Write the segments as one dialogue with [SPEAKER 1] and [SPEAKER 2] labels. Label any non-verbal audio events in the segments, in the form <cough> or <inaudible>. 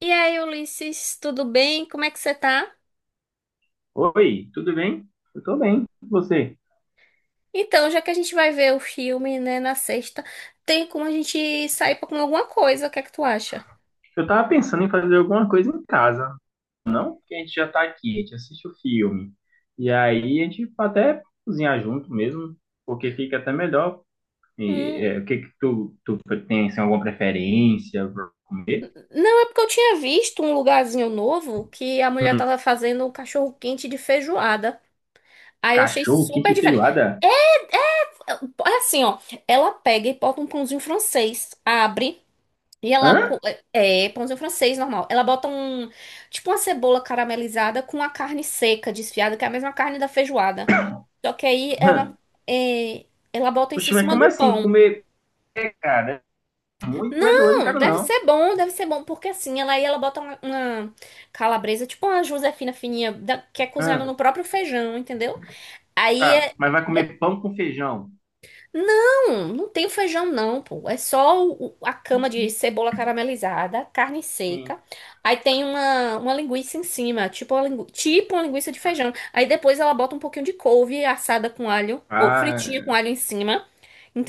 [SPEAKER 1] E aí, Ulisses, tudo bem? Como é que você tá?
[SPEAKER 2] Oi, tudo bem? Eu tô bem. E você?
[SPEAKER 1] Então, já que a gente vai ver o filme, né, na sexta, tem como a gente sair pra comer alguma coisa? O que é que tu acha?
[SPEAKER 2] Eu tava pensando em fazer alguma coisa em casa, não? Porque a gente já tá aqui, a gente assiste o filme. E aí a gente pode até cozinhar junto mesmo, porque fica até melhor. E,
[SPEAKER 1] Hum,
[SPEAKER 2] é, o que que tu tem assim, alguma preferência pra comer?
[SPEAKER 1] não, é porque eu tinha visto um lugarzinho novo que a mulher
[SPEAKER 2] Hum,
[SPEAKER 1] tava fazendo um cachorro-quente de feijoada. Aí eu achei
[SPEAKER 2] cachorro,
[SPEAKER 1] super
[SPEAKER 2] quente e
[SPEAKER 1] diferente.
[SPEAKER 2] feijoada?
[SPEAKER 1] É é assim, ó, ela pega e bota um pãozinho francês, abre e ela
[SPEAKER 2] Hã?
[SPEAKER 1] co- é, é, pãozinho francês normal. Ela bota um tipo uma cebola caramelizada com a carne seca desfiada, que é a mesma carne da feijoada. Só que aí
[SPEAKER 2] <laughs> Hã?
[SPEAKER 1] ela, é, ela bota isso em
[SPEAKER 2] Poxa, mas
[SPEAKER 1] cima
[SPEAKER 2] como
[SPEAKER 1] do
[SPEAKER 2] assim?
[SPEAKER 1] pão.
[SPEAKER 2] Comer, cara, muito é doido, não
[SPEAKER 1] Não,
[SPEAKER 2] quero não.
[SPEAKER 1] deve ser bom, porque assim, ela aí ela bota uma calabresa, tipo uma Josefina fininha, que é cozinhada no
[SPEAKER 2] Hã?
[SPEAKER 1] próprio feijão, entendeu? Aí
[SPEAKER 2] Tá,
[SPEAKER 1] é.
[SPEAKER 2] mas vai comer pão com feijão?
[SPEAKER 1] Não, não tem o feijão, não, pô. É só a cama de cebola caramelizada, carne seca.
[SPEAKER 2] Sim.
[SPEAKER 1] Aí tem uma linguiça em cima, tipo uma linguiça de feijão. Aí depois ela bota um pouquinho de couve assada com alho, ou
[SPEAKER 2] Ah,
[SPEAKER 1] fritinha com alho em cima.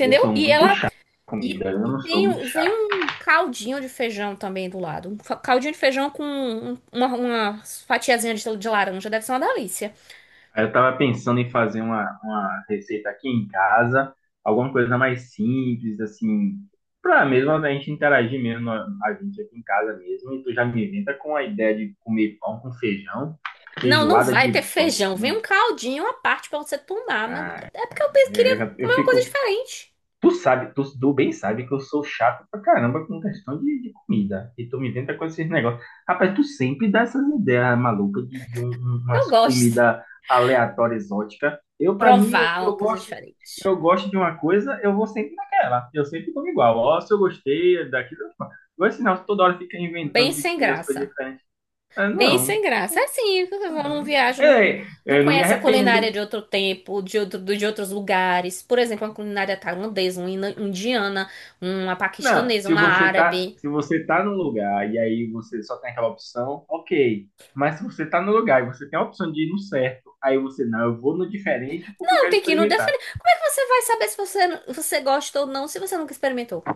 [SPEAKER 2] eu sou
[SPEAKER 1] E
[SPEAKER 2] muito
[SPEAKER 1] ela
[SPEAKER 2] chato com
[SPEAKER 1] E,
[SPEAKER 2] comida, eu
[SPEAKER 1] e
[SPEAKER 2] não sou muito
[SPEAKER 1] vem
[SPEAKER 2] chato.
[SPEAKER 1] um caldinho de feijão também do lado. Um caldinho de feijão com uma fatiazinha de laranja. Deve ser uma delícia.
[SPEAKER 2] Aí eu tava pensando em fazer uma receita aqui em casa, alguma coisa mais simples, assim, pra mesmo a gente interagir mesmo, a gente aqui em casa mesmo, e tu já me inventa com a ideia de comer pão com feijão,
[SPEAKER 1] Não, não
[SPEAKER 2] feijoada
[SPEAKER 1] vai ter
[SPEAKER 2] de pão.
[SPEAKER 1] feijão. Vem um caldinho à parte pra você tomar. Mas
[SPEAKER 2] Cara.
[SPEAKER 1] é porque eu queria
[SPEAKER 2] Eu, já- eu
[SPEAKER 1] comer uma coisa
[SPEAKER 2] fico
[SPEAKER 1] diferente.
[SPEAKER 2] Tu sabe, tu bem sabe que eu sou chato pra caramba com questão de comida. E tu me inventa com esses negócios. Rapaz, tu sempre dá essas ideias malucas de
[SPEAKER 1] Eu
[SPEAKER 2] umas
[SPEAKER 1] gosto.
[SPEAKER 2] comidas aleatórias, exóticas. Eu, pra mim, eu,
[SPEAKER 1] Provar
[SPEAKER 2] eu
[SPEAKER 1] uma coisa
[SPEAKER 2] gosto,
[SPEAKER 1] diferente.
[SPEAKER 2] eu gosto de uma coisa, eu vou sempre naquela. Eu sempre como igual. Ó, se eu gostei daquilo, eu como. Agora, se não, toda hora fica
[SPEAKER 1] Bem
[SPEAKER 2] inventando de
[SPEAKER 1] sem
[SPEAKER 2] comer as coisas
[SPEAKER 1] graça.
[SPEAKER 2] diferentes. Ah,
[SPEAKER 1] Bem
[SPEAKER 2] não.
[SPEAKER 1] sem graça. É. Assim, eu
[SPEAKER 2] Ah,
[SPEAKER 1] não
[SPEAKER 2] não.
[SPEAKER 1] viajo, não,
[SPEAKER 2] É, é,
[SPEAKER 1] não
[SPEAKER 2] eu não me
[SPEAKER 1] conhece a culinária
[SPEAKER 2] arrependo.
[SPEAKER 1] de outro tempo, de outros lugares. Por exemplo, uma culinária tailandesa, uma indiana, uma
[SPEAKER 2] Não,
[SPEAKER 1] paquistanesa,
[SPEAKER 2] se
[SPEAKER 1] uma
[SPEAKER 2] você tá,
[SPEAKER 1] árabe.
[SPEAKER 2] se você tá no lugar e aí você só tem aquela opção, ok. Mas se você tá no lugar e você tem a opção de ir no certo, aí você, não, eu vou no diferente porque eu
[SPEAKER 1] Não,
[SPEAKER 2] quero
[SPEAKER 1] tem que ir no defender.
[SPEAKER 2] experimentar.
[SPEAKER 1] Como é que você vai saber se você gosta ou não se você nunca experimentou?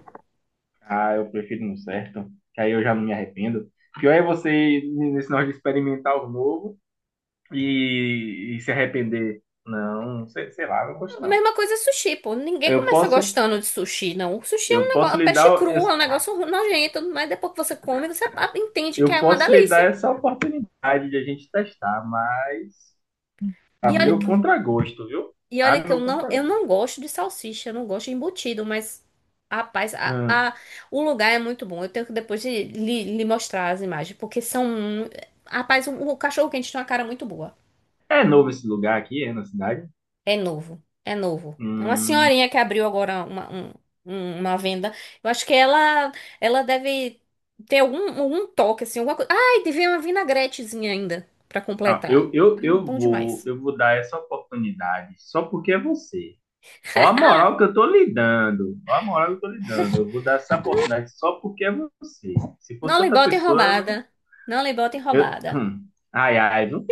[SPEAKER 2] Ah, eu prefiro no certo, que aí eu já não me arrependo. Pior é você ir nesse negócio de experimentar algo novo e se arrepender. Não, sei lá, eu não gosto não.
[SPEAKER 1] Mesma coisa sushi, pô. Ninguém
[SPEAKER 2] Eu
[SPEAKER 1] começa
[SPEAKER 2] posso,
[SPEAKER 1] gostando de sushi, não. O sushi é um
[SPEAKER 2] eu posso
[SPEAKER 1] negócio,
[SPEAKER 2] lhe
[SPEAKER 1] peixe
[SPEAKER 2] dar,
[SPEAKER 1] cru, é um negócio nojento, mas depois que você come, você entende que
[SPEAKER 2] eu
[SPEAKER 1] é uma
[SPEAKER 2] posso lhe dar
[SPEAKER 1] delícia.
[SPEAKER 2] essa oportunidade de a gente testar, mas a
[SPEAKER 1] E olha
[SPEAKER 2] meu
[SPEAKER 1] que
[SPEAKER 2] contragosto, viu?
[SPEAKER 1] E
[SPEAKER 2] A
[SPEAKER 1] olha que eu
[SPEAKER 2] meu
[SPEAKER 1] não, eu
[SPEAKER 2] contragosto.
[SPEAKER 1] não gosto de salsicha, eu não gosto de embutido, mas rapaz,
[SPEAKER 2] Hum.
[SPEAKER 1] o lugar é muito bom. Eu tenho que depois de lhe mostrar as imagens, porque são. Rapaz, o cachorro quente tem uma cara muito boa.
[SPEAKER 2] É novo esse lugar aqui, é na cidade?
[SPEAKER 1] É novo, é novo. É uma
[SPEAKER 2] Hum.
[SPEAKER 1] senhorinha que abriu agora uma venda. Eu acho que ela deve ter algum toque, assim, alguma coisa. Ai, devia uma vinagretezinha ainda pra
[SPEAKER 2] Ah,
[SPEAKER 1] completar.
[SPEAKER 2] eu, eu,
[SPEAKER 1] Ah,
[SPEAKER 2] eu
[SPEAKER 1] bom
[SPEAKER 2] vou,
[SPEAKER 1] demais.
[SPEAKER 2] eu vou dar essa oportunidade só porque é você. Ó
[SPEAKER 1] <laughs>
[SPEAKER 2] a
[SPEAKER 1] Ah,
[SPEAKER 2] moral que eu tô lhe dando. Ó a moral que eu tô lhe dando. Eu vou dar essa oportunidade só porque é você. Se
[SPEAKER 1] não
[SPEAKER 2] fosse
[SPEAKER 1] lhe
[SPEAKER 2] outra
[SPEAKER 1] botem
[SPEAKER 2] pessoa, né?
[SPEAKER 1] roubada. Não lhe botem roubada.
[SPEAKER 2] Ai, ai, não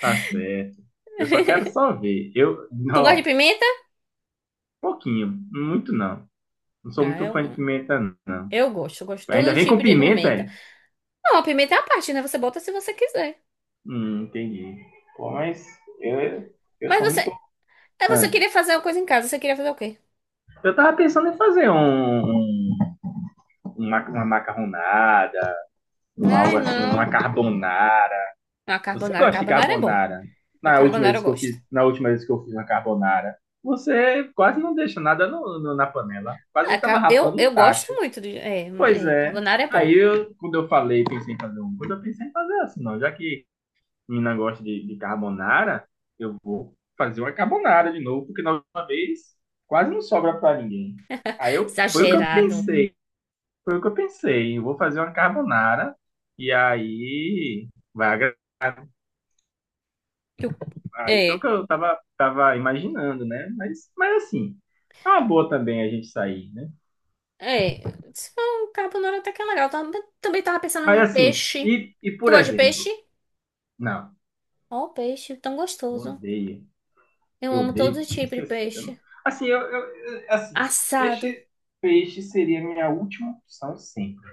[SPEAKER 2] tá certo. Eu só
[SPEAKER 1] <laughs>
[SPEAKER 2] quero só ver. Eu,
[SPEAKER 1] Tu gosta de
[SPEAKER 2] não,
[SPEAKER 1] pimenta?
[SPEAKER 2] pouquinho, muito não. Não sou
[SPEAKER 1] Ah,
[SPEAKER 2] muito fã de
[SPEAKER 1] eu,
[SPEAKER 2] pimenta, não.
[SPEAKER 1] eu gosto. Eu gosto de
[SPEAKER 2] Ainda
[SPEAKER 1] todo
[SPEAKER 2] vem com
[SPEAKER 1] tipo de
[SPEAKER 2] pimenta,
[SPEAKER 1] pimenta.
[SPEAKER 2] é?
[SPEAKER 1] Não, a pimenta é a parte, né? Você bota se você quiser.
[SPEAKER 2] Entendi. Pô, mas eu, eu
[SPEAKER 1] Mas
[SPEAKER 2] sou
[SPEAKER 1] você,
[SPEAKER 2] muito.
[SPEAKER 1] é, você
[SPEAKER 2] Ah,
[SPEAKER 1] queria fazer uma coisa em casa. Você queria fazer o quê?
[SPEAKER 2] eu tava pensando em fazer uma macarronada,
[SPEAKER 1] Ai,
[SPEAKER 2] algo assim, uma
[SPEAKER 1] não.
[SPEAKER 2] carbonara.
[SPEAKER 1] A
[SPEAKER 2] Você
[SPEAKER 1] carbonara.
[SPEAKER 2] gosta de
[SPEAKER 1] Carbonara é bom.
[SPEAKER 2] carbonara?
[SPEAKER 1] A
[SPEAKER 2] Na última
[SPEAKER 1] carbonara eu
[SPEAKER 2] vez que eu fiz,
[SPEAKER 1] gosto.
[SPEAKER 2] uma carbonara, você quase não deixa nada no, na panela.
[SPEAKER 1] Ah,
[SPEAKER 2] Quase tava
[SPEAKER 1] ca- eu,
[SPEAKER 2] rapando um
[SPEAKER 1] eu gosto
[SPEAKER 2] tacho.
[SPEAKER 1] muito de. É, ma-
[SPEAKER 2] Pois
[SPEAKER 1] é,
[SPEAKER 2] é.
[SPEAKER 1] carbonara é bom.
[SPEAKER 2] Aí eu, quando eu falei, pensei em fazer um, quando eu pensei em fazer assim, não, já que menina gosta de carbonara, eu vou fazer uma carbonara de novo, porque na última vez quase não sobra para ninguém. Aí eu, foi o que eu
[SPEAKER 1] Exagerado.
[SPEAKER 2] pensei, foi o que eu pensei, eu vou fazer uma carbonara e aí vai agradar.
[SPEAKER 1] Eu-
[SPEAKER 2] Aí foi o
[SPEAKER 1] É.
[SPEAKER 2] que eu tava imaginando, né? Mas assim, é uma boa também a gente sair, né?
[SPEAKER 1] É. Se for um carbonara até que é legal. Também tava pensando
[SPEAKER 2] Mas
[SPEAKER 1] num
[SPEAKER 2] assim,
[SPEAKER 1] peixe.
[SPEAKER 2] e
[SPEAKER 1] Tu
[SPEAKER 2] por
[SPEAKER 1] gosta de peixe?
[SPEAKER 2] exemplo, não,
[SPEAKER 1] Ó, peixe, tão gostoso.
[SPEAKER 2] odeio.
[SPEAKER 1] Eu
[SPEAKER 2] Eu
[SPEAKER 1] amo todo
[SPEAKER 2] odeio peixe.
[SPEAKER 1] tipo de peixe.
[SPEAKER 2] Assim, assim,
[SPEAKER 1] Assado.
[SPEAKER 2] peixe, peixe seria a minha última opção sempre.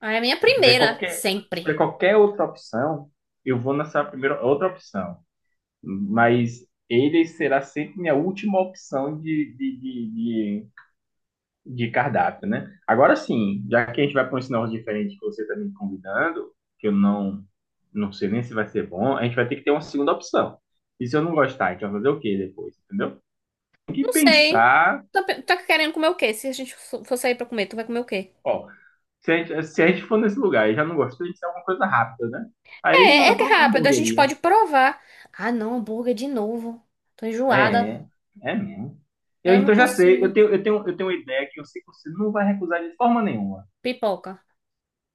[SPEAKER 1] Ah, é a minha
[SPEAKER 2] Se tiver
[SPEAKER 1] primeira,
[SPEAKER 2] qualquer, se
[SPEAKER 1] sempre.
[SPEAKER 2] tiver qualquer outra opção, eu vou nessa primeira outra opção. Mas ele será sempre minha última opção de cardápio, né? Agora sim, já que a gente vai para um sinal diferente que você está me convidando, que eu não sei nem se vai ser bom, a gente vai ter que ter uma segunda opção. E se eu não gostar, a gente vai fazer o quê depois, entendeu? Tem que
[SPEAKER 1] Não sei.
[SPEAKER 2] pensar.
[SPEAKER 1] Tá querendo comer o quê? Se a gente for sair pra comer, tu vai comer o quê?
[SPEAKER 2] Ó, se a gente for nesse lugar e já não gostou, a gente tem alguma coisa rápida, né? Aí
[SPEAKER 1] É,
[SPEAKER 2] vai
[SPEAKER 1] é
[SPEAKER 2] pra uma
[SPEAKER 1] rápido, a gente
[SPEAKER 2] hamburgueria.
[SPEAKER 1] pode provar. Ah, não, hambúrguer de novo. Tô enjoada.
[SPEAKER 2] É, é mesmo. Eu,
[SPEAKER 1] Eu não
[SPEAKER 2] então já sei, eu
[SPEAKER 1] consigo.
[SPEAKER 2] tenho, eu tenho, eu tenho uma ideia que eu sei que você não vai recusar de forma nenhuma.
[SPEAKER 1] Pipoca.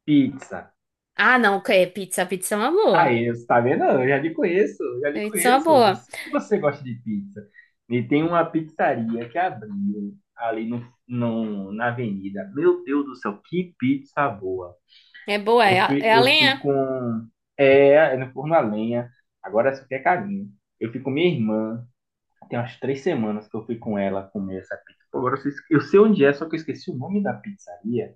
[SPEAKER 2] Pizza.
[SPEAKER 1] Ah, não, que é pizza. Pizza é uma boa.
[SPEAKER 2] Aí, você tá vendo? Eu já lhe conheço, eu já lhe
[SPEAKER 1] Pizza é uma
[SPEAKER 2] conheço. Eu
[SPEAKER 1] boa.
[SPEAKER 2] sei que você gosta de pizza. E tem uma pizzaria que abriu ali no, no, na avenida. Meu Deus do céu, que pizza boa!
[SPEAKER 1] É boa,
[SPEAKER 2] Eu
[SPEAKER 1] é a,
[SPEAKER 2] fui,
[SPEAKER 1] é a
[SPEAKER 2] eu fui
[SPEAKER 1] lenha.
[SPEAKER 2] com. É, é no forno a lenha. Agora essa aqui é carinho. Eu fui com minha irmã. Tem umas três semanas que eu fui com ela comer essa pizza. Pô, agora eu sei onde é, só que eu esqueci o nome da pizzaria.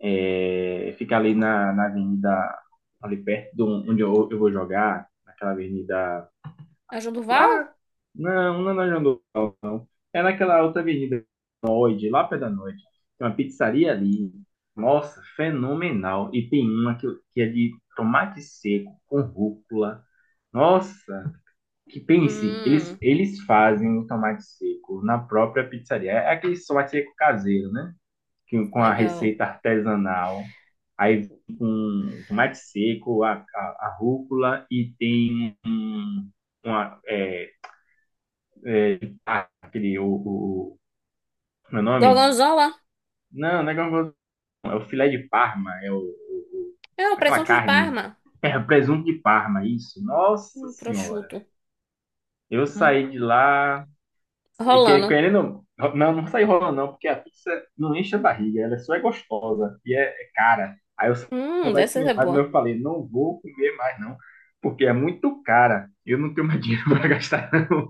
[SPEAKER 2] É, fica ali na avenida, ali perto de onde eu vou jogar, naquela avenida.
[SPEAKER 1] A Val?
[SPEAKER 2] Lá. Não, não é na João Dourado. É naquela outra avenida, noite, lá perto da noite. Tem uma pizzaria ali. Nossa, fenomenal. E tem uma que é de tomate seco com rúcula. Nossa, que pense, eles,
[SPEAKER 1] Hum,
[SPEAKER 2] eles fazem o tomate seco na própria pizzaria. É aquele tomate seco caseiro, né? Que, com a
[SPEAKER 1] Legal.
[SPEAKER 2] receita artesanal. Aí com tomate seco, a rúcula e tem um, uma, é, é, aquele, o, meu nome?
[SPEAKER 1] Gorgonzola?
[SPEAKER 2] Não, não é gorgonzola. É o filé de Parma. É o, o- o-
[SPEAKER 1] É, o
[SPEAKER 2] aquela
[SPEAKER 1] presunto de
[SPEAKER 2] carne.
[SPEAKER 1] Parma.
[SPEAKER 2] <laughs> É, o presunto de Parma, isso. Nossa
[SPEAKER 1] Um
[SPEAKER 2] Senhora.
[SPEAKER 1] prosciutto.
[SPEAKER 2] Eu
[SPEAKER 1] Hum,
[SPEAKER 2] saí de lá. Eu que-
[SPEAKER 1] Rolando.
[SPEAKER 2] querendo. Não, não saí rolando, não, porque a pizza não enche a barriga. Ela só é gostosa e é cara. Aí eu saí
[SPEAKER 1] Dessa é
[SPEAKER 2] comendo, mas
[SPEAKER 1] boa.
[SPEAKER 2] eu falei, não vou comer mais, não. Porque é muito cara. Eu não tenho mais dinheiro <laughs> para gastar, não.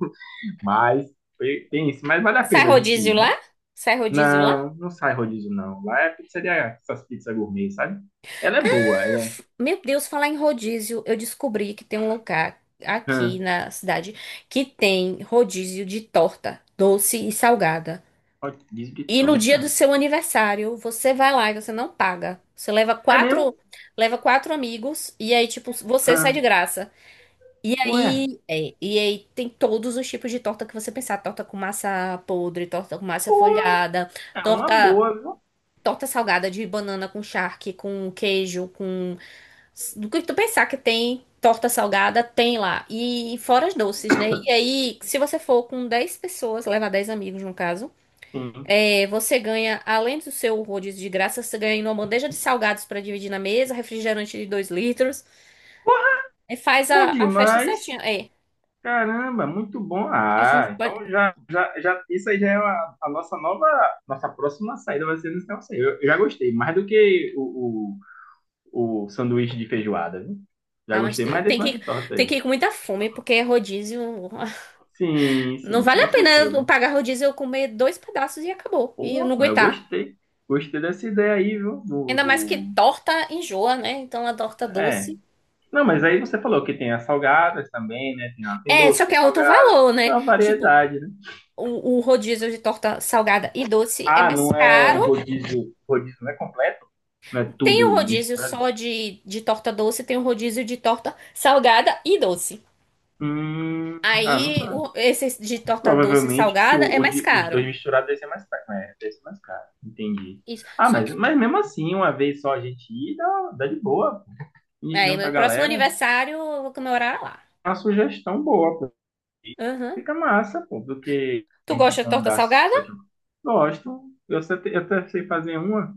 [SPEAKER 2] Mas tem isso. Mas vale a
[SPEAKER 1] Sai
[SPEAKER 2] pena a gente
[SPEAKER 1] rodízio
[SPEAKER 2] ir,
[SPEAKER 1] lá?
[SPEAKER 2] né?
[SPEAKER 1] Sai rodízio lá?
[SPEAKER 2] Não, não sai rodízio, não. Lá é pizzaria, essas pizzas gourmet, sabe? Ela é boa, ela é.
[SPEAKER 1] Meu Deus, falar em rodízio, eu descobri que tem um lugar aqui
[SPEAKER 2] Hã,
[SPEAKER 1] na cidade que tem rodízio de torta, doce e salgada.
[SPEAKER 2] rodízio de
[SPEAKER 1] E no dia
[SPEAKER 2] torta?
[SPEAKER 1] do seu aniversário, você vai lá e você não paga. Você
[SPEAKER 2] É mesmo?
[SPEAKER 1] leva quatro amigos e aí, tipo, você
[SPEAKER 2] Hã,
[SPEAKER 1] sai de graça. E
[SPEAKER 2] ué,
[SPEAKER 1] aí, é, e aí tem todos os tipos de torta que você pensar. Torta com massa podre, torta com massa
[SPEAKER 2] pô,
[SPEAKER 1] folhada,
[SPEAKER 2] é uma
[SPEAKER 1] torta
[SPEAKER 2] boa, viu?
[SPEAKER 1] torta salgada de banana com charque, com queijo, com. Do que tu pensar que tem torta salgada, tem lá. E fora os doces, né? E aí, se você for com 10 pessoas, levar 10 amigos no caso,
[SPEAKER 2] Sim.
[SPEAKER 1] você ganha, além do seu rodízio de graça, você ganha uma bandeja de salgados pra dividir na mesa, refrigerante de 2 litros. E faz
[SPEAKER 2] Bom
[SPEAKER 1] a festa
[SPEAKER 2] demais.
[SPEAKER 1] certinha. É.
[SPEAKER 2] Caramba, muito bom.
[SPEAKER 1] A
[SPEAKER 2] Ah,
[SPEAKER 1] gente pode.
[SPEAKER 2] então já, isso aí já é a nossa nova, nossa próxima saída vai ser nesse negócio aí. Eu já gostei, mais do que o sanduíche de feijoada, viu? Já
[SPEAKER 1] Ah, mas
[SPEAKER 2] gostei
[SPEAKER 1] te-
[SPEAKER 2] mais desse
[SPEAKER 1] tem que,
[SPEAKER 2] nome de torta
[SPEAKER 1] tem
[SPEAKER 2] aí.
[SPEAKER 1] que ir com muita fome, porque rodízio. <laughs>
[SPEAKER 2] Sim,
[SPEAKER 1] Não
[SPEAKER 2] sim,
[SPEAKER 1] vale a
[SPEAKER 2] com
[SPEAKER 1] pena eu
[SPEAKER 2] certeza.
[SPEAKER 1] pagar rodízio, e eu comer dois pedaços e acabou. E eu não
[SPEAKER 2] Pô, mas eu
[SPEAKER 1] aguentar.
[SPEAKER 2] gostei. Gostei dessa ideia aí, viu? Do,
[SPEAKER 1] Ainda mais que
[SPEAKER 2] do...
[SPEAKER 1] torta enjoa, né? Então a torta
[SPEAKER 2] É.
[SPEAKER 1] doce.
[SPEAKER 2] Não, mas aí você falou que tem as salgadas também, né? Tem
[SPEAKER 1] É,
[SPEAKER 2] doce,
[SPEAKER 1] só que
[SPEAKER 2] tem
[SPEAKER 1] é outro
[SPEAKER 2] salgada.
[SPEAKER 1] valor,
[SPEAKER 2] É
[SPEAKER 1] né?
[SPEAKER 2] uma
[SPEAKER 1] Tipo,
[SPEAKER 2] variedade, né?
[SPEAKER 1] o rodízio de torta salgada e doce é
[SPEAKER 2] Ah, não
[SPEAKER 1] mais
[SPEAKER 2] é um
[SPEAKER 1] caro.
[SPEAKER 2] rodízio. Rodízio não é completo? Não é tudo
[SPEAKER 1] Tem o rodízio
[SPEAKER 2] misturado?
[SPEAKER 1] só de torta doce, tem o rodízio de torta salgada e doce.
[SPEAKER 2] Hum, ah, não
[SPEAKER 1] Aí,
[SPEAKER 2] sei.
[SPEAKER 1] esse de torta doce e
[SPEAKER 2] Provavelmente
[SPEAKER 1] salgada é mais
[SPEAKER 2] os dois
[SPEAKER 1] caro.
[SPEAKER 2] misturados deve ser mais caro, né? Deve ser mais caro. Entendi.
[SPEAKER 1] Isso.
[SPEAKER 2] Ah,
[SPEAKER 1] Só
[SPEAKER 2] mas,
[SPEAKER 1] que,
[SPEAKER 2] mas mesmo assim, uma vez só a gente ir, dá de boa. A gente
[SPEAKER 1] aí,
[SPEAKER 2] junta
[SPEAKER 1] meu
[SPEAKER 2] a
[SPEAKER 1] próximo
[SPEAKER 2] galera.
[SPEAKER 1] aniversário, eu vou comemorar lá.
[SPEAKER 2] É uma sugestão boa.
[SPEAKER 1] Aham.
[SPEAKER 2] Fica massa, pô, do que
[SPEAKER 1] Tu
[SPEAKER 2] em
[SPEAKER 1] gosta de
[SPEAKER 2] tipo um
[SPEAKER 1] torta
[SPEAKER 2] lugar que
[SPEAKER 1] salgada?
[SPEAKER 2] só tinha. Gosto. Eu até sei fazer uma.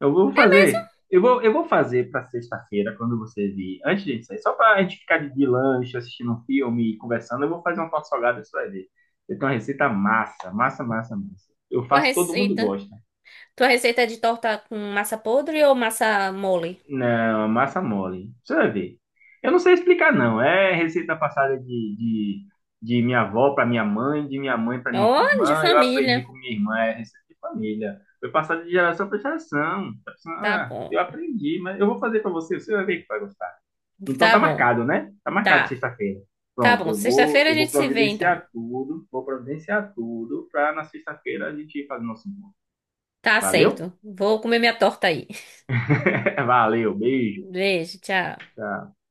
[SPEAKER 2] Eu vou fazer. Eu vou fazer pra sexta-feira, quando você vir. Antes de gente sair, só pra gente ficar de lanche, assistindo um filme e conversando, eu vou fazer uma torta salgada, você vai ver. Eu tenho uma receita massa, massa, massa, massa. Eu
[SPEAKER 1] Tua
[SPEAKER 2] faço, todo mundo
[SPEAKER 1] receita?
[SPEAKER 2] gosta.
[SPEAKER 1] Tua receita é de torta com massa podre ou massa mole?
[SPEAKER 2] Não, é massa mole. Você vai ver. Eu não sei explicar, não. É receita passada de minha avó para minha mãe, de minha mãe para minha
[SPEAKER 1] Oh, de
[SPEAKER 2] irmã. Eu aprendi
[SPEAKER 1] família.
[SPEAKER 2] com minha irmã, é receita de família. Foi passada de geração para geração.
[SPEAKER 1] Tá
[SPEAKER 2] Ah, eu
[SPEAKER 1] bom.
[SPEAKER 2] aprendi, mas eu vou fazer para você, você vai ver que vai gostar. Então
[SPEAKER 1] Tá
[SPEAKER 2] tá
[SPEAKER 1] bom.
[SPEAKER 2] marcado, né? Tá marcado
[SPEAKER 1] Tá.
[SPEAKER 2] sexta-feira.
[SPEAKER 1] Tá
[SPEAKER 2] Pronto,
[SPEAKER 1] bom.
[SPEAKER 2] eu vou,
[SPEAKER 1] Sexta-feira a
[SPEAKER 2] eu vou
[SPEAKER 1] gente se vê, então.
[SPEAKER 2] providenciar tudo, vou providenciar tudo para na sexta-feira a gente fazer nosso encontro.
[SPEAKER 1] Tá
[SPEAKER 2] Valeu?
[SPEAKER 1] certo. Vou comer minha torta aí.
[SPEAKER 2] <laughs> Valeu, beijo.
[SPEAKER 1] <laughs> Beijo, tchau.
[SPEAKER 2] Tchau.